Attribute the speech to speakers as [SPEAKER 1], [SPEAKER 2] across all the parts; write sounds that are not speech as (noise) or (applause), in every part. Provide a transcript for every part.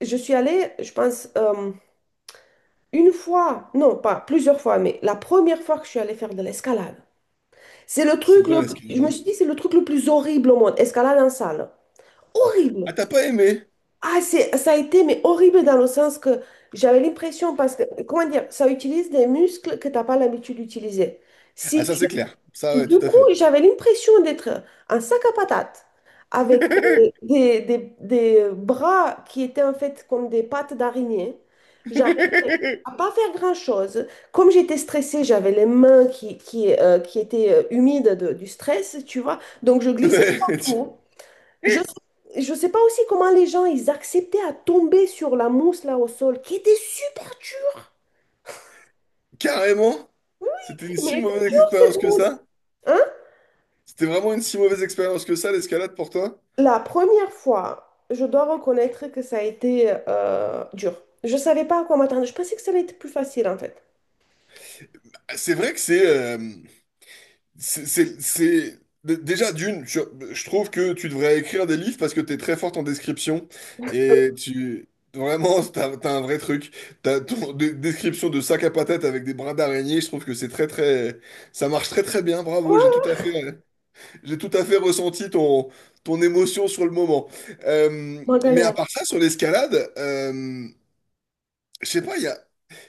[SPEAKER 1] Je suis allée, je pense, une fois, non, pas plusieurs fois, mais la première fois que je suis allée faire de l'escalade. C'est le
[SPEAKER 2] C'est
[SPEAKER 1] truc,
[SPEAKER 2] bien l'escalade,
[SPEAKER 1] je me
[SPEAKER 2] hein.
[SPEAKER 1] suis dit, c'est le truc le plus horrible au monde, escalade en salle. Horrible.
[SPEAKER 2] Ah, t'as pas aimé?
[SPEAKER 1] Ah, ça a été, mais horrible dans le sens que j'avais l'impression, parce que, comment dire, ça utilise des muscles que tu n'as pas l'habitude d'utiliser.
[SPEAKER 2] Ah,
[SPEAKER 1] Si
[SPEAKER 2] ça,
[SPEAKER 1] tu-
[SPEAKER 2] c'est clair. Ça, ouais,
[SPEAKER 1] du
[SPEAKER 2] tout à
[SPEAKER 1] coup,
[SPEAKER 2] fait.
[SPEAKER 1] j'avais l'impression d'être un sac à patates, avec
[SPEAKER 2] (laughs)
[SPEAKER 1] des bras qui étaient en fait comme des pattes d'araignée. À pas faire grand-chose. Comme j'étais stressée, j'avais les mains qui étaient humides du stress, tu vois. Donc, je glissais
[SPEAKER 2] Ouais.
[SPEAKER 1] partout. Je je sais pas aussi comment les gens, ils acceptaient à tomber sur la mousse là au sol, qui était super dure.
[SPEAKER 2] Carrément? C'était une
[SPEAKER 1] Mais
[SPEAKER 2] si
[SPEAKER 1] elle était
[SPEAKER 2] mauvaise
[SPEAKER 1] dure,
[SPEAKER 2] expérience
[SPEAKER 1] cette
[SPEAKER 2] que
[SPEAKER 1] mousse.
[SPEAKER 2] ça?
[SPEAKER 1] Hein?
[SPEAKER 2] C'était vraiment une si mauvaise expérience que ça, l'escalade, pour toi?
[SPEAKER 1] La première fois, je dois reconnaître que ça a été dur. Je savais pas à quoi m'attendre. Je pensais que ça allait être plus facile, en fait.
[SPEAKER 2] Ah, c'est vrai que c'est. Déjà, d'une, je trouve que tu devrais écrire des livres parce que t'es très forte en description et tu... Vraiment, (laughs) t'as un vrai truc. T'as ton description de sac à patates avec des brins d'araignée, je trouve que c'est très très. Ça marche très très bien, bravo, j'ai
[SPEAKER 1] Voilà,
[SPEAKER 2] tout à fait, ressenti ton émotion sur le moment.
[SPEAKER 1] ma
[SPEAKER 2] Mais à
[SPEAKER 1] galère.
[SPEAKER 2] part ça, sur l'escalade, je sais pas, il y a.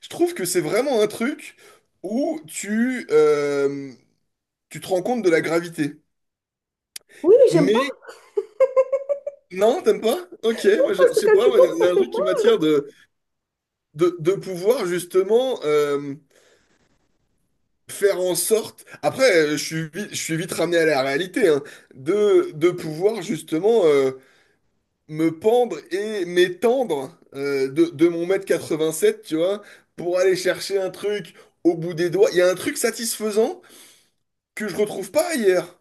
[SPEAKER 2] Je trouve que c'est vraiment un truc où tu te rends compte de la gravité.
[SPEAKER 1] Oui, mais j'aime pas
[SPEAKER 2] Mais non, t'aimes pas? Ok, moi je
[SPEAKER 1] parce que
[SPEAKER 2] sais
[SPEAKER 1] quand
[SPEAKER 2] pas,
[SPEAKER 1] tu tombes,
[SPEAKER 2] il y
[SPEAKER 1] ça
[SPEAKER 2] a un
[SPEAKER 1] fait
[SPEAKER 2] truc qui
[SPEAKER 1] mal.
[SPEAKER 2] m'attire de pouvoir justement faire en sorte. Après, je suis vite ramené à la réalité, hein, de pouvoir justement me pendre et m'étendre de mon mètre 87, tu vois, pour aller chercher un truc au bout des doigts. Il y a un truc satisfaisant que je retrouve pas ailleurs,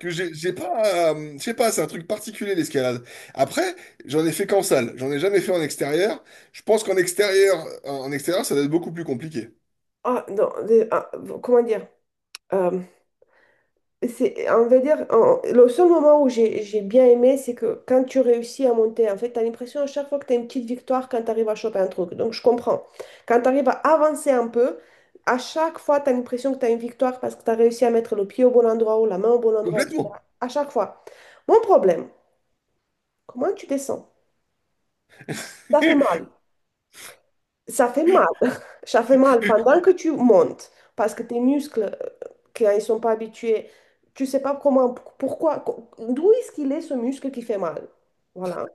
[SPEAKER 2] que j'ai pas, je sais pas, c'est un truc particulier l'escalade. Après, j'en ai fait qu'en salle, j'en ai jamais fait en extérieur. Je pense qu'en extérieur, en extérieur, ça doit être beaucoup plus compliqué.
[SPEAKER 1] Ah, non, ah, comment dire? Euh, on va dire, le seul moment où j'ai bien aimé, c'est que quand tu réussis à monter, en fait, tu as l'impression à chaque fois que tu as une petite victoire quand tu arrives à choper un truc. Donc, je comprends. Quand tu arrives à avancer un peu, à chaque fois, tu as l'impression que tu as une victoire parce que tu as réussi à mettre le pied au bon endroit ou la main au bon endroit,
[SPEAKER 2] Complètement.
[SPEAKER 1] etc. À chaque fois. Mon problème, comment tu descends? Ça fait mal.
[SPEAKER 2] (laughs)
[SPEAKER 1] Ça fait mal. (laughs) Ça fait mal pendant que tu montes parce que tes muscles, quand ils sont pas habitués, tu sais pas comment, pourquoi, d'où est-ce qu'il est ce muscle qui fait mal. Voilà.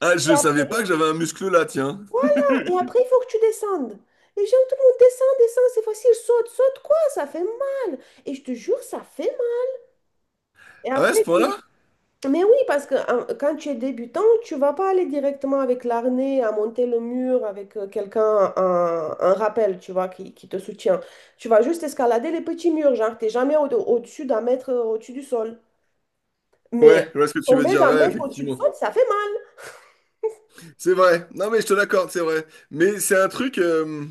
[SPEAKER 2] Ah,
[SPEAKER 1] Et
[SPEAKER 2] je
[SPEAKER 1] ap-
[SPEAKER 2] savais pas que j'avais un muscle là, tiens.
[SPEAKER 1] voilà. Et après, il faut que tu descendes. Et gens, tout le monde descend, descend, c'est facile, saute, saute, quoi, ça fait mal. Et je te jure, ça fait mal. Et
[SPEAKER 2] Ah ouais, à ce
[SPEAKER 1] après,
[SPEAKER 2] point-là?
[SPEAKER 1] tu- Mais oui, parce que hein, quand tu es débutant, tu vas pas aller directement avec l'arnais à monter le mur avec quelqu'un, un rappel, tu vois, qui te soutient. Tu vas juste escalader les petits murs, genre, t'es jamais au-dessus d'un mètre au-dessus du sol. Mais
[SPEAKER 2] Ouais, je vois ce que tu veux
[SPEAKER 1] tomber
[SPEAKER 2] dire,
[SPEAKER 1] d'un
[SPEAKER 2] ouais,
[SPEAKER 1] mètre au-dessus du
[SPEAKER 2] effectivement.
[SPEAKER 1] sol, ça fait mal,
[SPEAKER 2] C'est vrai. Non, mais je te l'accorde, c'est vrai. Mais c'est un truc,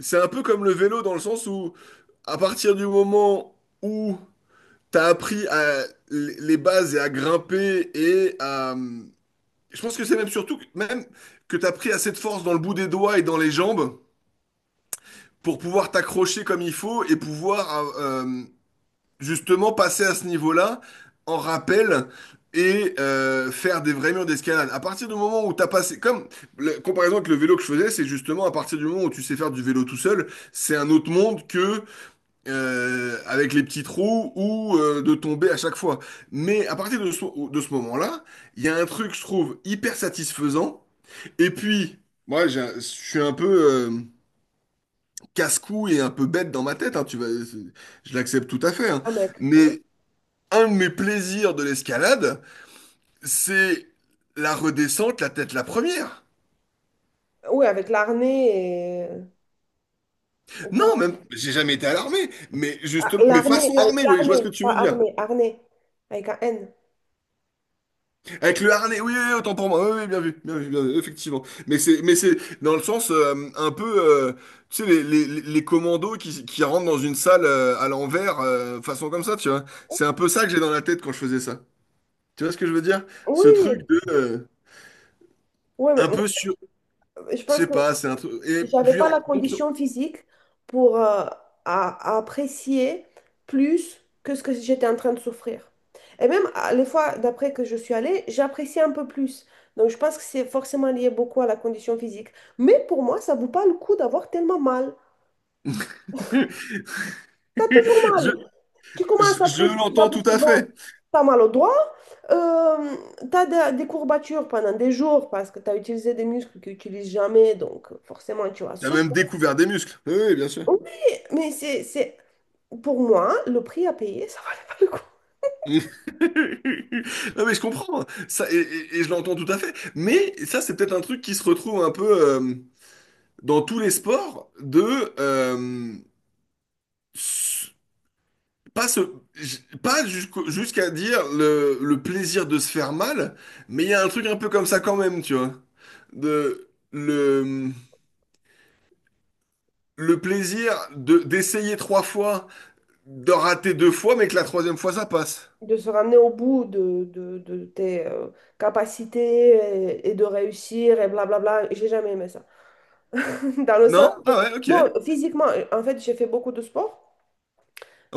[SPEAKER 2] c'est un peu comme le vélo dans le sens où, à partir du moment où t'as appris à les bases et à grimper et à, je pense que c'est même surtout que, même que tu as pris assez de force dans le bout des doigts et dans les jambes pour pouvoir t'accrocher comme il faut et pouvoir justement passer à ce niveau-là en rappel et faire des vrais murs d'escalade. À partir du moment où tu as passé, comme la comparaison avec le vélo que je faisais, c'est justement à partir du moment où tu sais faire du vélo tout seul, c'est un autre monde que avec les petits trous ou de tomber à chaque fois. Mais à partir de ce moment-là, il y a un truc, je trouve, hyper satisfaisant et puis, moi, je suis un peu euh, casse-cou et un peu bête dans ma tête, hein, je l'accepte tout à fait, hein.
[SPEAKER 1] ah, mec. Ouais.
[SPEAKER 2] Mais un de mes plaisirs de l'escalade, c'est la redescente, la tête la première.
[SPEAKER 1] Oui, avec l'arnais et... ou
[SPEAKER 2] Non,
[SPEAKER 1] comment-
[SPEAKER 2] même, j'ai jamais été à l'armée, mais
[SPEAKER 1] Ah,
[SPEAKER 2] justement, mais
[SPEAKER 1] l'arnais,
[SPEAKER 2] façon
[SPEAKER 1] avec
[SPEAKER 2] armée, oui, je vois ce
[SPEAKER 1] l'arnais,
[SPEAKER 2] que tu
[SPEAKER 1] pas
[SPEAKER 2] veux dire.
[SPEAKER 1] armée, arnais, avec un N.
[SPEAKER 2] Avec le harnais, oui, oui, oui, autant pour moi. Oui, oui, bien vu, bien vu, bien vu, effectivement. Mais c'est dans le sens un peu, euh, tu sais, les commandos qui rentrent dans une salle à l'envers, façon comme ça, tu vois. C'est un peu ça que j'ai dans la tête quand je faisais ça. Tu vois ce que je veux dire?
[SPEAKER 1] Oui,
[SPEAKER 2] Ce truc
[SPEAKER 1] oui,
[SPEAKER 2] de,
[SPEAKER 1] ouais, mais
[SPEAKER 2] un
[SPEAKER 1] moi,
[SPEAKER 2] peu sur,
[SPEAKER 1] je
[SPEAKER 2] je
[SPEAKER 1] pense
[SPEAKER 2] sais
[SPEAKER 1] que
[SPEAKER 2] pas, c'est un truc.
[SPEAKER 1] j'avais pas la
[SPEAKER 2] (laughs)
[SPEAKER 1] condition physique pour à apprécier plus que ce que j'étais en train de souffrir. Et même les fois d'après que je suis allée, j'appréciais un peu plus. Donc je pense que c'est forcément lié beaucoup à la condition physique. Mais pour moi, ça vaut pas le coup d'avoir tellement mal. T'as toujours
[SPEAKER 2] Je,
[SPEAKER 1] mal. Tu
[SPEAKER 2] je,
[SPEAKER 1] commences à
[SPEAKER 2] je
[SPEAKER 1] apprécier, tu vas
[SPEAKER 2] l'entends
[SPEAKER 1] plus
[SPEAKER 2] tout à
[SPEAKER 1] souvent.
[SPEAKER 2] fait.
[SPEAKER 1] T'as mal au doigt, euh, t'as des courbatures pendant des jours parce que t'as utilisé des muscles que tu n'utilises jamais, donc forcément tu as
[SPEAKER 2] T'as même
[SPEAKER 1] souffert.
[SPEAKER 2] découvert des muscles. Oui, oui, bien sûr.
[SPEAKER 1] Oui, mais Pour moi, le prix à payer, ça valait pas le coup.
[SPEAKER 2] (laughs) Non mais je comprends ça et je l'entends tout à fait. Mais ça c'est peut-être un truc qui se retrouve un peu dans tous les sports de s- pas se j- pas jusqu'au- jusqu'à dire le plaisir de se faire mal, mais il y a un truc un peu comme ça quand même, tu vois. De le plaisir de d'essayer trois fois, de rater deux fois, mais que la troisième fois ça passe.
[SPEAKER 1] De se ramener au bout de tes capacités et de réussir et blablabla, j'ai jamais aimé ça. (laughs) Dans le sens,
[SPEAKER 2] Non? Ah ouais, ok,
[SPEAKER 1] non, physiquement, en fait, j'ai fait beaucoup de sport,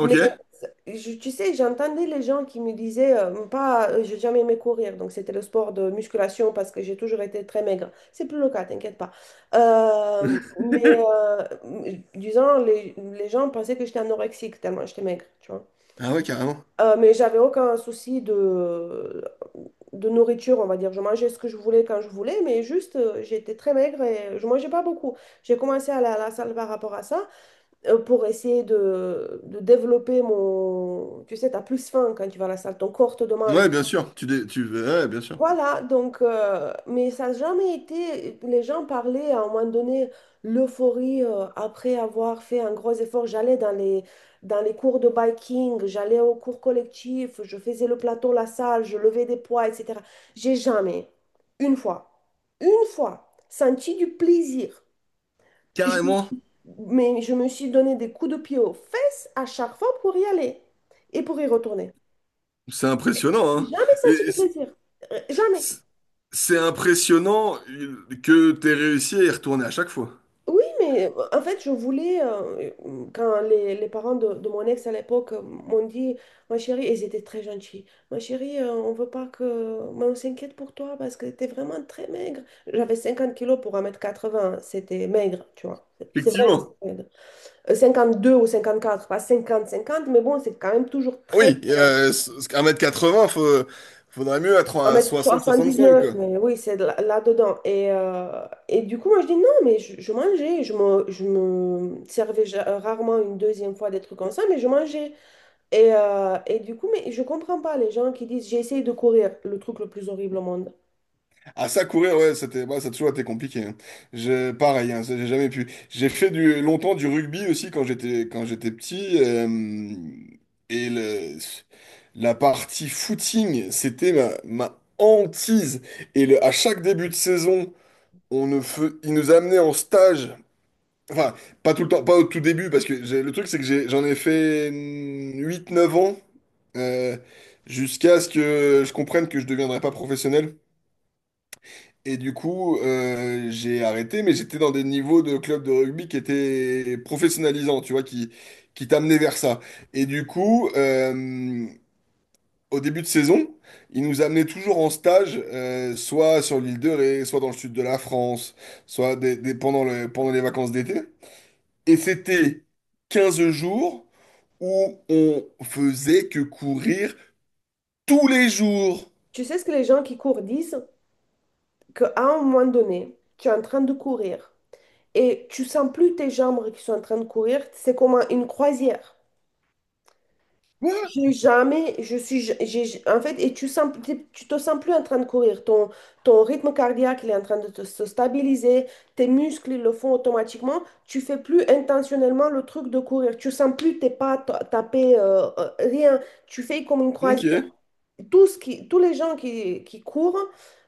[SPEAKER 1] mais tu sais, j'entendais les gens qui me disaient, pas, j'ai jamais aimé courir, donc c'était le sport de musculation parce que j'ai toujours été très maigre. C'est plus le cas, t'inquiète pas. Euh, Disons, les gens pensaient que j'étais anorexique tellement j'étais maigre, tu vois.
[SPEAKER 2] Ah ouais, carrément.
[SPEAKER 1] Mais j'avais aucun souci de nourriture, on va dire. Je mangeais ce que je voulais quand je voulais, mais juste, j'étais très maigre et je mangeais pas beaucoup. J'ai commencé à aller à la salle par rapport à ça, pour essayer de développer mon... Tu sais, tu as plus faim quand tu vas à la salle, ton corps te demande.
[SPEAKER 2] Ouais, bien sûr. Ouais, bien sûr.
[SPEAKER 1] Voilà, donc, mais ça n'a jamais été... Les gens parlaient à un moment donné, l'euphorie après avoir fait un gros effort. J'allais dans les cours de biking, j'allais aux cours collectifs, je faisais le plateau, la salle, je levais des poids, etc. J'ai jamais, une fois, une fois, senti du plaisir.
[SPEAKER 2] Carrément.
[SPEAKER 1] Mais je me suis donné des coups de pied aux fesses à chaque fois pour y aller et pour y retourner.
[SPEAKER 2] C'est impressionnant,
[SPEAKER 1] J'ai
[SPEAKER 2] hein.
[SPEAKER 1] jamais
[SPEAKER 2] Et
[SPEAKER 1] senti de
[SPEAKER 2] c-
[SPEAKER 1] plaisir. Jamais.
[SPEAKER 2] c- c'est impressionnant que t'aies réussi à y retourner à chaque fois.
[SPEAKER 1] Oui, mais en fait, quand les parents de mon ex à l'époque m'ont dit, ma chérie, et ils étaient très gentils, ma chérie, on veut pas que... Mais on s'inquiète pour toi parce que tu vraiment très maigre. J'avais 50 kilos pour un mètre quatre-vingts, c'était maigre, tu vois. C'est vrai que
[SPEAKER 2] Effectivement.
[SPEAKER 1] c'est maigre. 52 ou 54, pas cinquante cinquante mais bon, c'est quand même toujours très...
[SPEAKER 2] Oui, un mètre quatre 80 faut, faudrait mieux être à soixante
[SPEAKER 1] Soixante dix
[SPEAKER 2] 65
[SPEAKER 1] neuf,
[SPEAKER 2] quoi.
[SPEAKER 1] mais oui, c'est là-dedans. Et du coup, moi, je dis non, mais je mangeais. Je me servais rarement une deuxième fois des trucs comme ça, mais je mangeais. Et du coup, mais je comprends pas les gens qui disent j'ai essayé de courir, le truc le plus horrible au monde.
[SPEAKER 2] Ah, ça courir, ouais c'était, bah, ça a toujours été compliqué, hein. Je, pareil, hein, ça, j'ai jamais pu. J'ai fait du longtemps, du rugby aussi quand j'étais petit, et le la partie footing c'était ma hantise et à chaque début de saison, on ne fe- ils nous amenaient en stage, enfin pas tout le temps, pas au tout début, parce que j'ai- le truc c'est que j'ai- j'en ai fait 8 9 ans, euh, jusqu'à ce que je comprenne que je deviendrais pas professionnel. Et du coup, j'ai arrêté, mais j'étais dans des niveaux de club de rugby qui étaient professionnalisants, tu vois, qui t'amenaient vers ça. Et du coup, au début de saison, ils nous amenaient toujours en stage, soit sur l'île de Ré, soit dans le sud de la France, soit pendant pendant les vacances d'été. Et c'était 15 jours où on faisait que courir tous les jours.
[SPEAKER 1] Tu sais ce que les gens qui courent disent? Qu'à un moment donné, tu es en train de courir et tu sens plus tes jambes qui sont en train de courir, c'est comme une croisière.
[SPEAKER 2] Quoi?
[SPEAKER 1] J'ai jamais, je suis, j'ai, en fait, et tu sens, tu te sens plus en train de courir. Ton rythme cardiaque, il est en train de se stabiliser. Tes muscles, ils le font automatiquement. Tu fais plus intentionnellement le truc de courir. Tu sens plus tes pas taper, rien. Tu fais comme une
[SPEAKER 2] Ok,
[SPEAKER 1] croisière. Tous les gens qui courent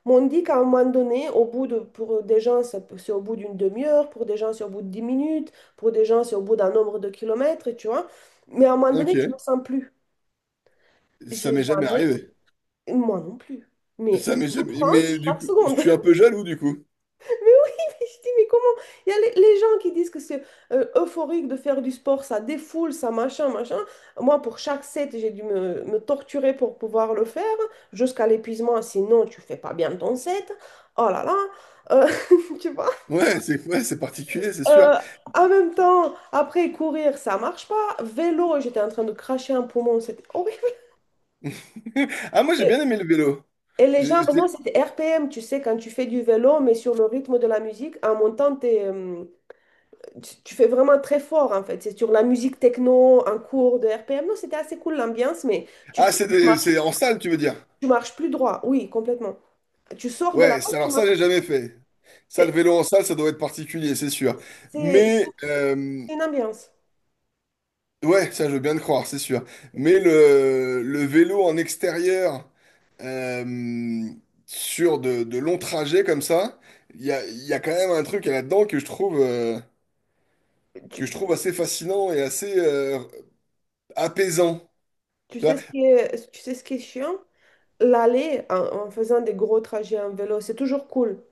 [SPEAKER 1] m'ont dit qu'à un moment donné, pour des gens, c'est au bout d'une demi-heure, pour des gens, c'est au bout de 10 minutes, pour des gens, c'est au bout d'un nombre de kilomètres, tu vois. Mais à un moment donné, tu ne le
[SPEAKER 2] ok.
[SPEAKER 1] sens plus.
[SPEAKER 2] Ça
[SPEAKER 1] J'ai
[SPEAKER 2] m'est jamais
[SPEAKER 1] jamais,
[SPEAKER 2] arrivé.
[SPEAKER 1] moi non plus,
[SPEAKER 2] C'est
[SPEAKER 1] mais
[SPEAKER 2] ça, mais,
[SPEAKER 1] souffrance
[SPEAKER 2] mais du
[SPEAKER 1] chaque
[SPEAKER 2] coup, je
[SPEAKER 1] seconde.
[SPEAKER 2] suis un peu
[SPEAKER 1] (laughs)
[SPEAKER 2] jaloux du coup.
[SPEAKER 1] Mais oui, mais je dis, mais comment? Il y a les gens qui disent que c'est euphorique de faire du sport, ça défoule, ça machin, machin. Moi, pour chaque set, j'ai dû me torturer pour pouvoir le faire, jusqu'à l'épuisement, sinon tu fais pas bien ton set. Oh là là, euh, (laughs) tu vois?
[SPEAKER 2] Ouais, c'est, ouais, c'est particulier, c'est sûr.
[SPEAKER 1] Euh, En même temps, après courir, ça marche pas. Vélo, j'étais en train de cracher un poumon, c'était horrible.
[SPEAKER 2] (laughs) Ah, moi j'ai bien aimé le vélo.
[SPEAKER 1] Et les
[SPEAKER 2] J'ai-
[SPEAKER 1] gens, pour moi,
[SPEAKER 2] j'ai-
[SPEAKER 1] c'était RPM, tu sais, quand tu fais du vélo, mais sur le rythme de la musique, en montant, tu fais vraiment très fort, en fait. C'est sur la musique techno, en cours de RPM. Non, c'était assez cool l'ambiance, mais
[SPEAKER 2] Ah,
[SPEAKER 1] sors,
[SPEAKER 2] c'est c'est en salle, tu veux dire?
[SPEAKER 1] tu marches plus droit. Oui, complètement. Tu sors de la
[SPEAKER 2] Ouais,
[SPEAKER 1] route, tu
[SPEAKER 2] alors ça,
[SPEAKER 1] marches.
[SPEAKER 2] j'ai jamais fait. Ça, le
[SPEAKER 1] C'est
[SPEAKER 2] vélo en salle, ça doit être particulier, c'est sûr.
[SPEAKER 1] c'est-
[SPEAKER 2] Mais,
[SPEAKER 1] c'est une ambiance.
[SPEAKER 2] ouais, ça, je veux bien le croire, c'est sûr. Mais le vélo en extérieur, euh, sur de longs trajets comme ça, il y a quand même un truc là-dedans
[SPEAKER 1] Tu,
[SPEAKER 2] que je trouve assez fascinant et assez, apaisant. Tu vois?
[SPEAKER 1] Tu sais ce qui est chiant? L'aller en faisant des gros trajets en vélo, c'est toujours cool.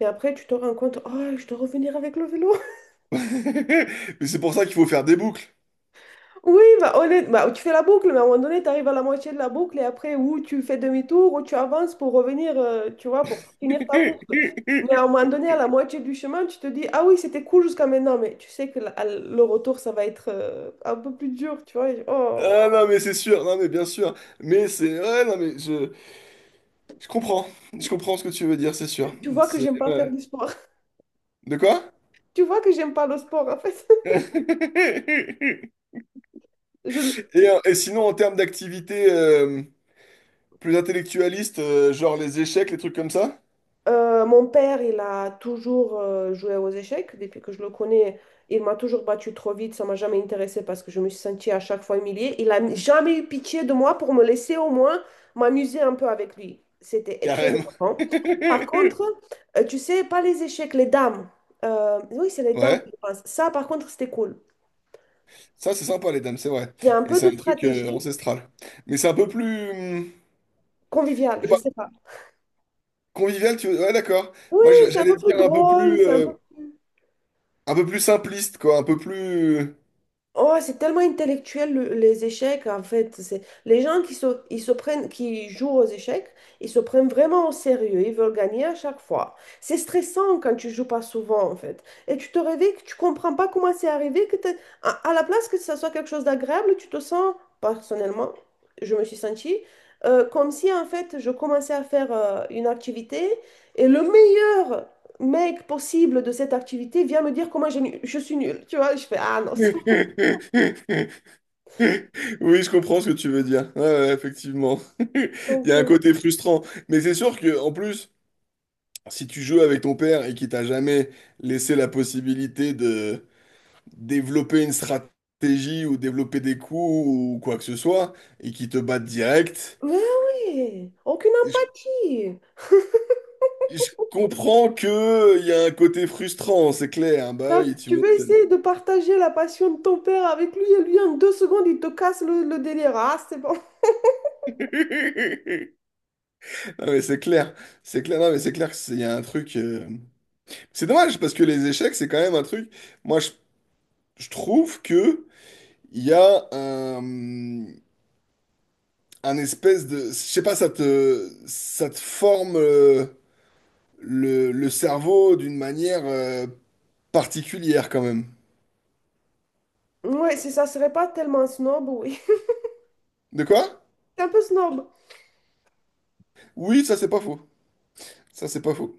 [SPEAKER 1] Mais après, tu te rends compte, oh, je dois revenir avec le vélo.
[SPEAKER 2] (laughs) Mais c'est pour ça qu'il faut faire des boucles.
[SPEAKER 1] Oui, bah, bah, tu fais la boucle, mais à un moment donné, tu arrives à la moitié de la boucle et après, ou tu fais demi-tour, ou tu avances pour revenir, tu vois, pour finir ta boucle. Mais à un
[SPEAKER 2] (laughs)
[SPEAKER 1] moment donné, à la moitié du chemin, tu te dis, ah oui, c'était cool jusqu'à maintenant, mais tu sais que le retour, ça va être un peu plus dur, tu vois. Oh,
[SPEAKER 2] Ah non, mais c'est sûr, non, mais bien sûr. Mais c'est. Ouais, non, mais je comprends. Je comprends ce que tu veux dire, c'est sûr.
[SPEAKER 1] tu vois que
[SPEAKER 2] C'est.
[SPEAKER 1] j'aime pas faire
[SPEAKER 2] Ouais.
[SPEAKER 1] du sport. (laughs)
[SPEAKER 2] De quoi?
[SPEAKER 1] Tu vois que j'aime pas le sport, en fait.
[SPEAKER 2] (laughs)
[SPEAKER 1] (laughs)
[SPEAKER 2] Et,
[SPEAKER 1] Je,
[SPEAKER 2] et sinon, en termes d'activité plus intellectualiste, genre les échecs, les trucs comme ça?
[SPEAKER 1] Mon père, il a toujours joué aux échecs. Depuis que je le connais, il m'a toujours battu trop vite. Ça m'a jamais intéressé parce que je me suis sentie à chaque fois humiliée. Il n'a jamais eu pitié de moi pour me laisser au moins m'amuser un peu avec lui. C'était très
[SPEAKER 2] Carrément. (laughs)
[SPEAKER 1] important. Par contre, tu sais, pas les échecs, les dames. Oui, c'est les dames, je
[SPEAKER 2] Ouais,
[SPEAKER 1] pense. Ça, par contre, c'était cool.
[SPEAKER 2] ça c'est sympa les dames, c'est vrai.
[SPEAKER 1] Il y a un
[SPEAKER 2] Et
[SPEAKER 1] peu
[SPEAKER 2] c'est
[SPEAKER 1] de
[SPEAKER 2] un truc
[SPEAKER 1] stratégie
[SPEAKER 2] ancestral. Mais c'est un peu plus
[SPEAKER 1] conviviale, je sais pas.
[SPEAKER 2] convivial, tu. Ouais, d'accord.
[SPEAKER 1] Oui,
[SPEAKER 2] Moi,
[SPEAKER 1] c'est un
[SPEAKER 2] j'allais
[SPEAKER 1] peu plus
[SPEAKER 2] dire
[SPEAKER 1] drôle, c'est un peu... plus
[SPEAKER 2] un peu plus simpliste, quoi, un peu plus.
[SPEAKER 1] Oh, c'est tellement intellectuel les échecs, en fait. C'est les gens qui jouent aux échecs, ils se prennent vraiment au sérieux. Ils veulent gagner à chaque fois. C'est stressant quand tu joues pas souvent, en fait. Et tu te réveilles que tu comprends pas comment c'est arrivé que à la place que ça soit quelque chose d'agréable, tu te sens personnellement, je me suis sentie comme si en fait je commençais à faire une activité et le meilleur mec possible de cette activité vient me dire comment je suis nulle. Tu vois, je fais, ah non, c'est
[SPEAKER 2] (laughs) Oui, je comprends ce que tu veux dire. Ouais, ouais, effectivement. (laughs) Il
[SPEAKER 1] Donc,
[SPEAKER 2] y a un
[SPEAKER 1] euh,
[SPEAKER 2] côté frustrant. Mais c'est sûr que, en plus, si tu joues avec ton père et qu'il t'a jamais laissé la possibilité de développer une stratégie ou développer des coups ou quoi que ce soit, et qu'il te batte direct,
[SPEAKER 1] mais oui, aucune
[SPEAKER 2] je,
[SPEAKER 1] empathie.
[SPEAKER 2] je comprends que il y a un côté frustrant, c'est clair. Bah
[SPEAKER 1] Là,
[SPEAKER 2] oui, tu
[SPEAKER 1] tu veux
[SPEAKER 2] m'étonnes.
[SPEAKER 1] essayer de partager la passion de ton père avec lui et lui en deux secondes il te casse le délire. Ah, c'est bon. (laughs)
[SPEAKER 2] Non mais c'est clair, non mais c'est clair que il y a un truc. C'est dommage parce que les échecs c'est quand même un truc. Moi je trouve que il y a un espèce de, je sais pas, ça te forme le cerveau d'une manière particulière quand même.
[SPEAKER 1] Ouais, si ça serait pas tellement snob, oui. (laughs)
[SPEAKER 2] De quoi?
[SPEAKER 1] C'est un peu snob.
[SPEAKER 2] Oui, ça c'est pas faux, ça c'est pas faux.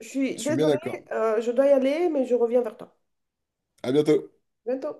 [SPEAKER 1] Je suis
[SPEAKER 2] Je suis bien d'accord.
[SPEAKER 1] désolée, je dois y aller, mais je reviens vers toi.
[SPEAKER 2] À bientôt.
[SPEAKER 1] Bientôt.